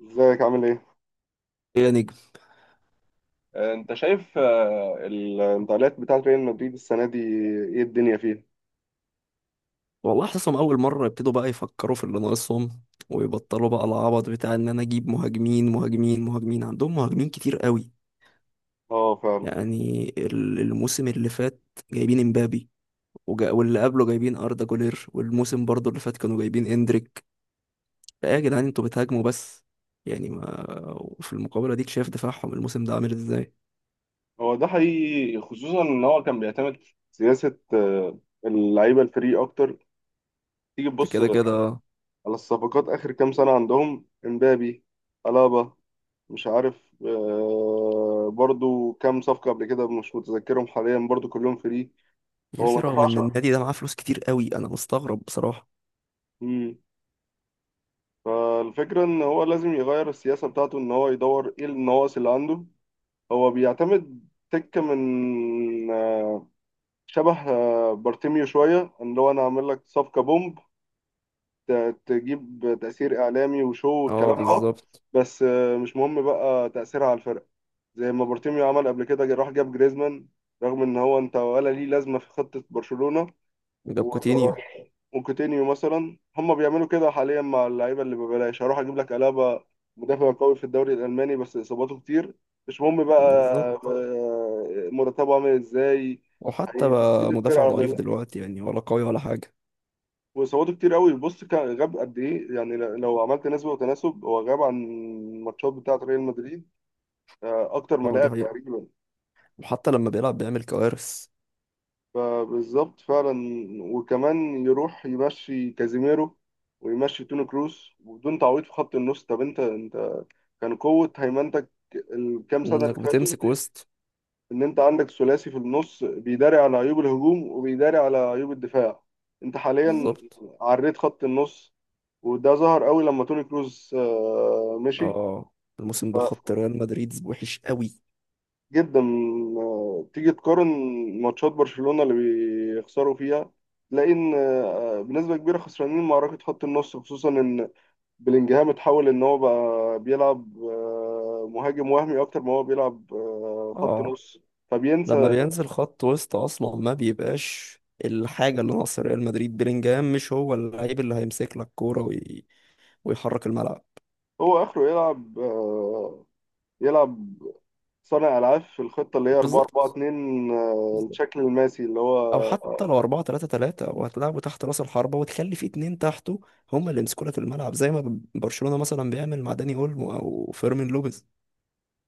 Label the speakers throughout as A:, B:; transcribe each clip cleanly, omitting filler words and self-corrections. A: ازيك عامل ايه؟
B: يا نجم،
A: انت شايف الانتقالات بتاعت ريال مدريد السنة دي. ايه الدنيا فيها؟
B: والله حاسسهم اول مره يبتدوا بقى يفكروا في اللي ناقصهم، ويبطلوا بقى العبط بتاع ان انا اجيب مهاجمين مهاجمين مهاجمين. عندهم مهاجمين كتير قوي.
A: اه، فعلا.
B: يعني الموسم اللي فات جايبين امبابي، واللي قبله جايبين اردا جولير، والموسم برضو اللي فات كانوا جايبين اندريك. لا يا جدعان، انتوا بتهاجموا بس. يعني ما... وفي المقابله ديك شايف دفاعهم الموسم ده عامل ازاي.
A: هو ده حقيقي، خصوصا ان هو كان بيعتمد سياسة اللعيبة الفري اكتر. تيجي
B: ده
A: تبص
B: كده
A: على
B: كده.
A: الصفقات اخر كام سنة، عندهم امبابي، الابا، مش عارف، برضو كام صفقة قبل كده مش متذكرهم حاليا، برضو كلهم فري.
B: يا
A: هو
B: اخي
A: ما
B: رغم
A: دفعش.
B: ان النادي ده معاه فلوس كتير قوي، انا مستغرب بصراحه.
A: مم. فالفكرة ان هو لازم يغير السياسة بتاعته، ان هو يدور ايه النواقص اللي عنده. هو بيعتمد تكة من شبه بارتيميو شوية، اللي هو أنا أعمل لك صفقة بومب، تجيب تأثير إعلامي وشو
B: اه،
A: والكلام ده،
B: بالظبط.
A: بس مش مهم بقى تأثيرها على الفرق. زي ما بارتيميو عمل قبل كده، راح جاب جريزمان رغم إن هو أنت ولا ليه لازمة في خطة برشلونة،
B: جاب كوتينيو.
A: وكوتينيو مثلا. هم بيعملوا كده حاليا مع اللعيبه اللي ببلاش، هروح اجيب لك الابا، مدافع قوي في الدوري الالماني بس اصاباته كتير، مش مهم بقى
B: بالظبط.
A: مرتبه عامل ازاي،
B: وحتى
A: هيفيد
B: بقى مدافع
A: الفرقه ولا
B: ضعيف
A: لا.
B: دلوقتي يعني، ولا قوي ولا حاجة.
A: واصاباته كتير قوي، بص كان غاب قد ايه، يعني لو عملت نسبه وتناسب هو غاب عن الماتشات بتاعه ريال مدريد اكتر ما
B: اه،
A: لعب
B: دي حقيقة.
A: تقريبا.
B: وحتى لما بيلعب بيعمل كوارث.
A: فبالظبط فعلا. وكمان يروح يمشي كازيميرو ويمشي توني كروس وبدون تعويض في خط النص. طب انت كان قوة هيمنتك الكام سنة اللي
B: انك
A: فاتوا،
B: بتمسك وسط.
A: إن أنت عندك ثلاثي في النص بيداري على عيوب الهجوم وبيداري على عيوب الدفاع. أنت حاليا
B: بالظبط.
A: عريت خط النص، وده ظهر قوي لما توني كروز مشي.
B: اه. الموسم
A: ف-
B: ده خط ريال مدريد وحش قوي.
A: جدا. تيجي تقارن ماتشات برشلونة اللي بيخسروا فيها، تلاقي إن بنسبة كبيرة خسرانين معركة خط النص، خصوصا إن بلينجهام اتحول ان هو بقى بيلعب مهاجم وهمي اكتر ما هو بيلعب خط
B: اه.
A: نص،
B: لما
A: فبينسى
B: بينزل خط وسط اصلا ما بيبقاش الحاجة اللي ناقصة ريال مدريد. بيلينجهام مش هو اللعيب اللي هيمسك لك كورة ويحرك الملعب.
A: هو اخره يلعب صانع العاب في الخطه اللي هي 4 4
B: بالظبط.
A: 2 الشكل الماسي اللي هو
B: او حتى لو
A: آه،
B: 4-3-3 وهتلعبوا تحت راس الحربة وتخلي في اتنين تحته هم اللي يمسكوا لك الملعب، زي ما برشلونة مثلا بيعمل مع داني اولمو او فيرمين لوبيز.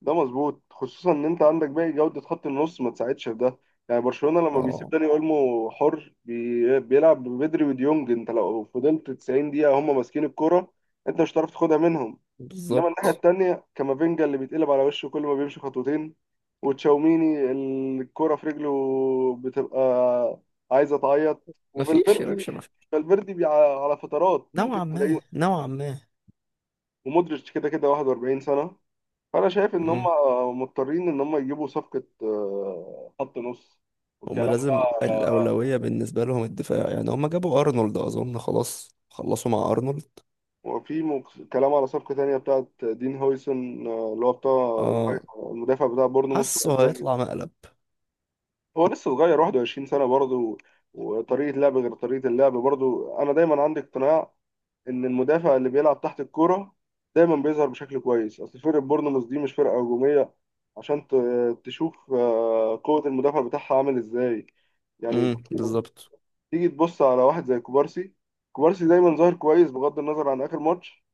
A: ده مظبوط، خصوصا ان انت عندك باقي جوده خط النص ما تساعدش في ده. يعني برشلونه لما بيسيب
B: اه،
A: داني اولمو حر، بيلعب ببدري وديونج، انت لو فضلت 90 دقيقه هم ماسكين الكوره، انت مش هتعرف تاخدها منهم. انما الناحيه
B: بالظبط.
A: التانيه كامافينجا اللي بيتقلب على وشه كل ما بيمشي خطوتين، وتشاوميني الكرة في رجله بتبقى عايزه تعيط،
B: مفيش يا
A: وفالفيردي.
B: باشا، مفيش.
A: فالفيردي على فترات ممكن
B: نوعا ما،
A: تلاقيه.
B: نوعا ما.
A: ومودريتش كده كده 41 سنه. فانا شايف ان هم
B: مم.
A: مضطرين ان هم يجيبوا صفقه خط نص،
B: هم
A: والكلام
B: لازم
A: بقى على
B: الأولوية بالنسبة لهم الدفاع، يعني هم جابوا أرنولد، أظن خلاص خلصوا مع أرنولد.
A: وفي كلام على صفقه تانيه بتاعت دين هويسون، اللي هو بتاع
B: اه.
A: المدافع بتاع بورنموث
B: حسوا
A: الاسباني.
B: هيطلع مقلب.
A: هو لسه صغير، 21 سنة برضه، وطريقة لعب غير طريقة اللعب. برضه أنا دايما عندي اقتناع إن المدافع اللي بيلعب تحت الكورة دايما بيظهر بشكل كويس، أصل فرقة بورنموث دي مش فرقة هجومية، عشان تشوف قوة المدافع بتاعها عامل إزاي. يعني
B: بالظبط.
A: تيجي تبص على واحد زي كوبارسي، كوبارسي دايما ظاهر كويس بغض النظر عن آخر ماتش.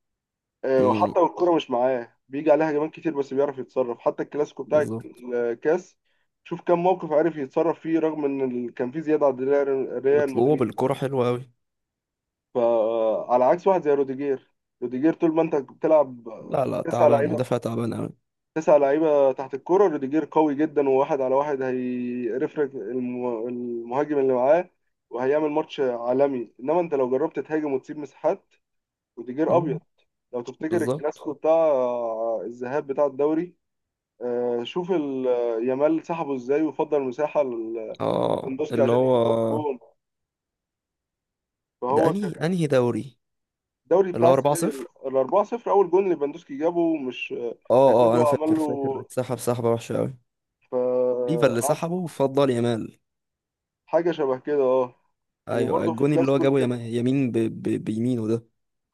B: امم
A: وحتى والكرة مش معاه بيجي عليها هجمات كتير بس بيعرف يتصرف، حتى الكلاسيكو بتاع
B: بالظبط.
A: الكاس شوف كم موقف عارف يتصرف فيه، رغم ان كان في زيادة عند ريال
B: وطلوع
A: مدريد.
B: بالكرة حلوة أوي.
A: فعلى عكس واحد زي روديجير، روديجير طول ما انت بتلعب
B: لا لا،
A: تسع
B: تعبان،
A: لعيبة،
B: مدافع تعبان
A: تسع لعيبة تحت الكرة، روديجير قوي جدا وواحد على واحد هيرفرك المهاجم اللي معاه، وهيعمل ماتش عالمي. انما انت لو جربت تهاجم وتسيب مساحات، روديجير
B: أوي.
A: ابيض. لو تفتكر
B: بالظبط.
A: الكلاسيكو بتاع الذهاب بتاع الدوري، شوف يامال سحبه ازاي وفضل مساحه
B: اه،
A: للبندوسكي
B: اللي
A: عشان
B: هو
A: يجيب اول جون.
B: ده
A: فهو كان
B: انهي دوري؟
A: الدوري
B: اللي
A: بتاع
B: هو 4
A: السنه دي
B: 0
A: ال 4-0، اول جون اللي بندوسكي جابه، مش
B: اه اه،
A: كاسادو
B: انا
A: عمل
B: فاكر
A: له
B: فاكر اتسحب سحبه وحشه قوي. ليفا اللي
A: فقعد
B: سحبه وفضل يامال.
A: حاجه شبه كده، اه.
B: ايوه،
A: وبرده في
B: الجون اللي هو
A: كلاسيكو
B: جابه يمين بيمينه ده.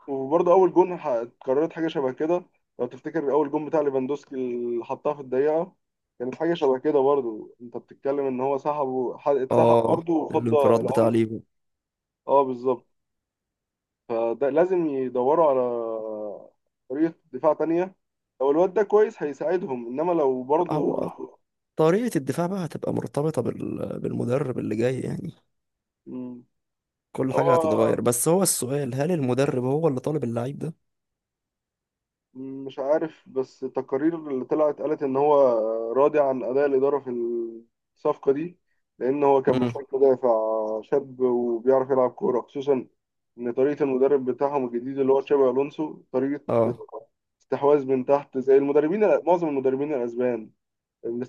A: وبرده اول جون اتكررت حاجه شبه كده. لو تفتكر اول جون بتاع ليفاندوسكي اللي حطها في الدقيقه، كانت حاجه شبه كده برضه. انت بتتكلم ان هو سحبه اتسحب
B: اه،
A: برضه وفضى
B: الانفراد بتاع
A: العمر.
B: ليفا.
A: اه، بالظبط. فده لازم يدوروا على طريقة دفاع تانية، لو الواد ده كويس هيساعدهم، إنما لو برضو.
B: هو طريقه الدفاع بقى هتبقى مرتبطه بالمدرب اللي جاي يعني.
A: مم.
B: كل
A: هو
B: حاجه هتتغير، بس هو السؤال هل المدرب هو اللي طالب اللعيب ده؟
A: مش عارف، بس التقارير اللي طلعت قالت إن هو راضي عن أداء الإدارة في الصفقة دي، لأن هو كان
B: امم.
A: محتاج مدافع شاب وبيعرف يلعب كورة، خصوصا إن طريقة المدرب بتاعهم الجديد، اللي هو تشابي ألونسو، طريقة
B: اه.
A: استحواذ من تحت زي المدربين، معظم المدربين الأسبان،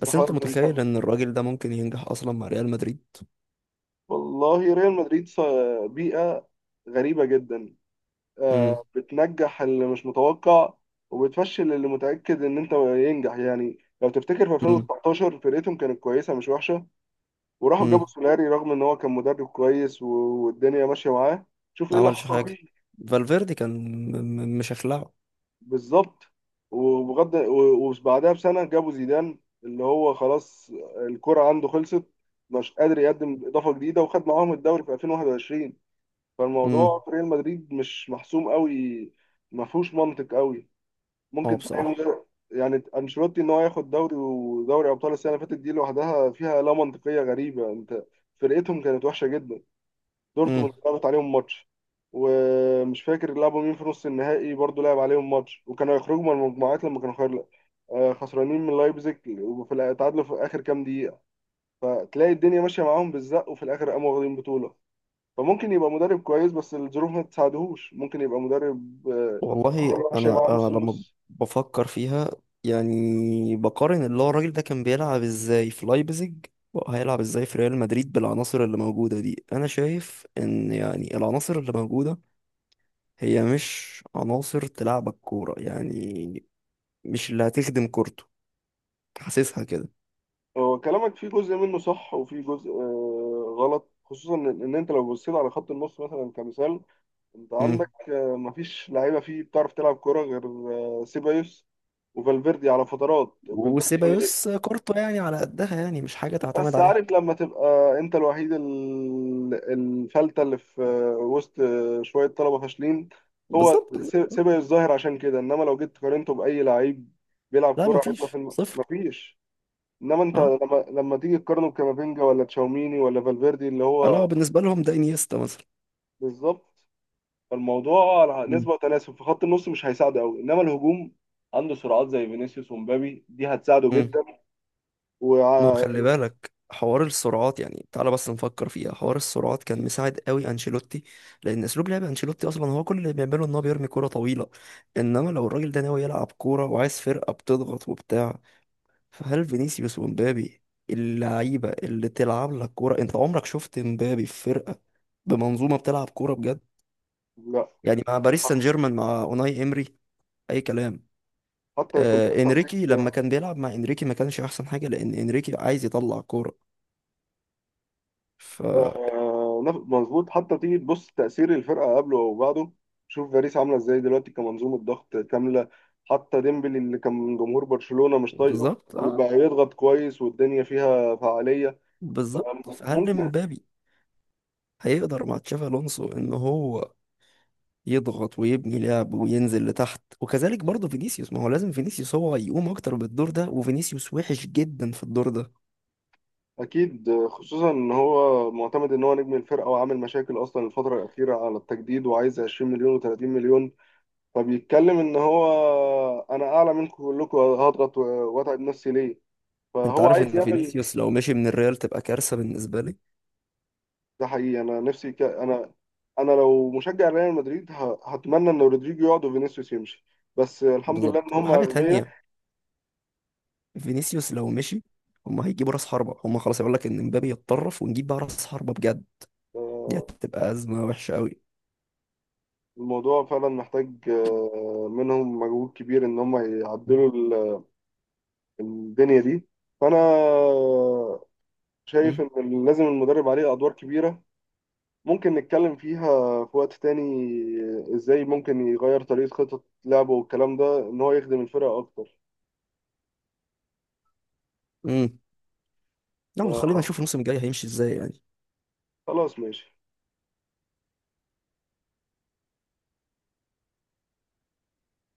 B: بس انت
A: من
B: متخيل
A: تحت.
B: ان الراجل ده ممكن ينجح اصلا مع ريال مدريد؟
A: والله ريال مدريد في بيئة غريبة جدا،
B: امم.
A: بتنجح اللي مش متوقع وبتفشل اللي متأكد إن أنت ينجح. يعني لو تفتكر في 2019 فرقتهم كانت كويسة، مش وحشة، وراحوا جابوا
B: امم.
A: سولاري، رغم إن هو كان مدرب كويس والدنيا ماشية معاه. شوف إيه
B: ما
A: اللي
B: عملش
A: حصل
B: حاجة.
A: فيه.
B: فالفيردي كان مشخلعه.
A: بالظبط. وبعدها بسنة جابوا زيدان، اللي هو خلاص الكرة عنده خلصت، مش قادر يقدم إضافة جديدة، وخد معاهم الدوري في 2021.
B: امم.
A: فالموضوع في ريال مدريد مش محسوم قوي، ما فيهوش منطق قوي.
B: اه،
A: ممكن تلاقي
B: بصراحة.
A: يعني انشيلوتي ان هو ياخد دوري ودوري ابطال السنه اللي فاتت دي لوحدها فيها لا منطقيه غريبه. انت فرقتهم كانت وحشه جدا،
B: امم.
A: دورتموند لعبت عليهم ماتش، ومش فاكر لعبوا مين في نص النهائي برضه لعب عليهم ماتش، وكانوا يخرجوا من المجموعات لما كانوا خير خسرانين من لايبزيج، وفي تعادلوا في اخر كام دقيقه. فتلاقي الدنيا ماشيه معاهم بالزق وفي الاخر قاموا واخدين بطوله. فممكن يبقى مدرب كويس بس الظروف ما تساعدهوش، ممكن يبقى مدرب
B: والله
A: الدنيا ماشيه
B: انا
A: معاه
B: انا
A: نص
B: لما
A: نص.
B: بفكر فيها، يعني بقارن اللي هو الراجل ده كان بيلعب ازاي في لايبزيج، وهيلعب ازاي في ريال مدريد بالعناصر اللي موجودة دي. انا شايف ان يعني العناصر اللي موجودة هي مش عناصر تلعبك كورة يعني، مش اللي هتخدم كورته. حاسسها كده.
A: هو كلامك في جزء منه صح وفي جزء غلط، خصوصا إن انت لو بصيت على خط النص مثلا كمثال، انت عندك
B: امم.
A: مفيش لعيبه فيه بتعرف تلعب كوره غير سيبايوس وفالفيردي على فترات. فالفيردي،
B: وسيبايوس كورته يعني على قدها، يعني مش حاجة تعتمد
A: بس
B: عليها.
A: عارف لما تبقى انت الوحيد الفلتة اللي في وسط شويه طلبه فاشلين، هو
B: بالظبط.
A: سيبه الظاهر عشان كده. انما لو جيت قارنته باي لعيب بيلعب
B: لا،
A: كوره هيطلع في
B: مفيش صفر.
A: مفيش. انما انت
B: اه،
A: لما تيجي تقارنه بكامافينجا ولا تشاوميني ولا فالفيردي اللي
B: اللي هو
A: هو
B: بالنسبة لهم ده انيستا مثلا.
A: بالظبط، فالموضوع على
B: مم.
A: نسبه وتناسب في خط النص مش هيساعده قوي. انما الهجوم عنده سرعات زي فينيسيوس ومبابي دي هتساعده
B: مم.
A: جدا.
B: ما هو
A: و
B: خلي بالك حوار السرعات. يعني تعالى بس نفكر فيها، حوار السرعات كان مساعد قوي انشيلوتي، لان اسلوب لعب انشيلوتي اصلا هو كل اللي بيعمله ان هو بيرمي كوره طويله. انما لو الراجل ده ناوي يلعب كوره وعايز فرقه بتضغط وبتاع، فهل فينيسيوس ومبابي اللعيبه اللي تلعب لك كوره؟ انت عمرك شفت مبابي في فرقه بمنظومه بتلعب كوره بجد؟
A: لا،
B: يعني مع باريس سان جيرمان مع اوناي امري اي كلام.
A: حتى كنت لسه
B: انريكي،
A: هديك.
B: لما كان بيلعب مع انريكي ما كانش احسن حاجه، لان انريكي عايز يطلع كوره. ف...
A: مظبوط، حتى تيجي تبص تأثير الفرقة قبله أو بعده. شوف باريس عاملة إزاي دلوقتي كمنظومة ضغط كاملة، حتى ديمبلي اللي كان جمهور برشلونة مش طايقه
B: بالظبط. اه،
A: بقى يضغط كويس والدنيا فيها فعالية. بقى
B: بالظبط. فهل
A: ممكن
B: مبابي هيقدر مع تشافي الونسو ان هو يضغط ويبني لعب وينزل لتحت؟ وكذلك برضه فينيسيوس، ما هو لازم فينيسيوس هو يقوم اكتر بالدور ده، وفينيسيوس وحش جدا في الدور ده.
A: أكيد، خصوصا إن هو معتمد إن هو نجم الفرقة، وعامل مشاكل أصلا الفترة الأخيرة على التجديد وعايز 20 مليون و30 مليون، فبيتكلم إن هو أنا أعلى منكم كلكم، هضغط وأتعب نفسي ليه؟
B: انت
A: فهو
B: عارف
A: عايز
B: ان
A: يعمل.
B: فينيسيوس لو مشي من الريال تبقى كارثه بالنسبه لي.
A: ده حقيقي، انا نفسي انا لو مشجع ريال مدريد هتمنى ان رودريجو يقعد وفينيسيوس يمشي، بس الحمد لله
B: بالظبط.
A: ان هم
B: وحاجه
A: اغبياء.
B: تانية، فينيسيوس لو مشي هما هيجيبوا راس حربة، هما خلاص يقول لك ان مبابي يتطرف ونجيب بقى راس حربة بجد. دي
A: آه،
B: هتبقى أزمة وحشة أوي.
A: الموضوع فعلا محتاج منهم مجهود كبير ان هم يعدلوا الدنيا دي. فانا شايف
B: مم.
A: ان لازم المدرب عليه ادوار كبيرة، ممكن نتكلم فيها في وقت تاني ازاي ممكن يغير طريقة خطط لعبه والكلام ده ان هو يخدم الفرقة اكتر.
B: مم. يلا خلينا
A: فخلاص،
B: نشوف الموسم الجاي هيمشي ازاي يعني.
A: ماشي.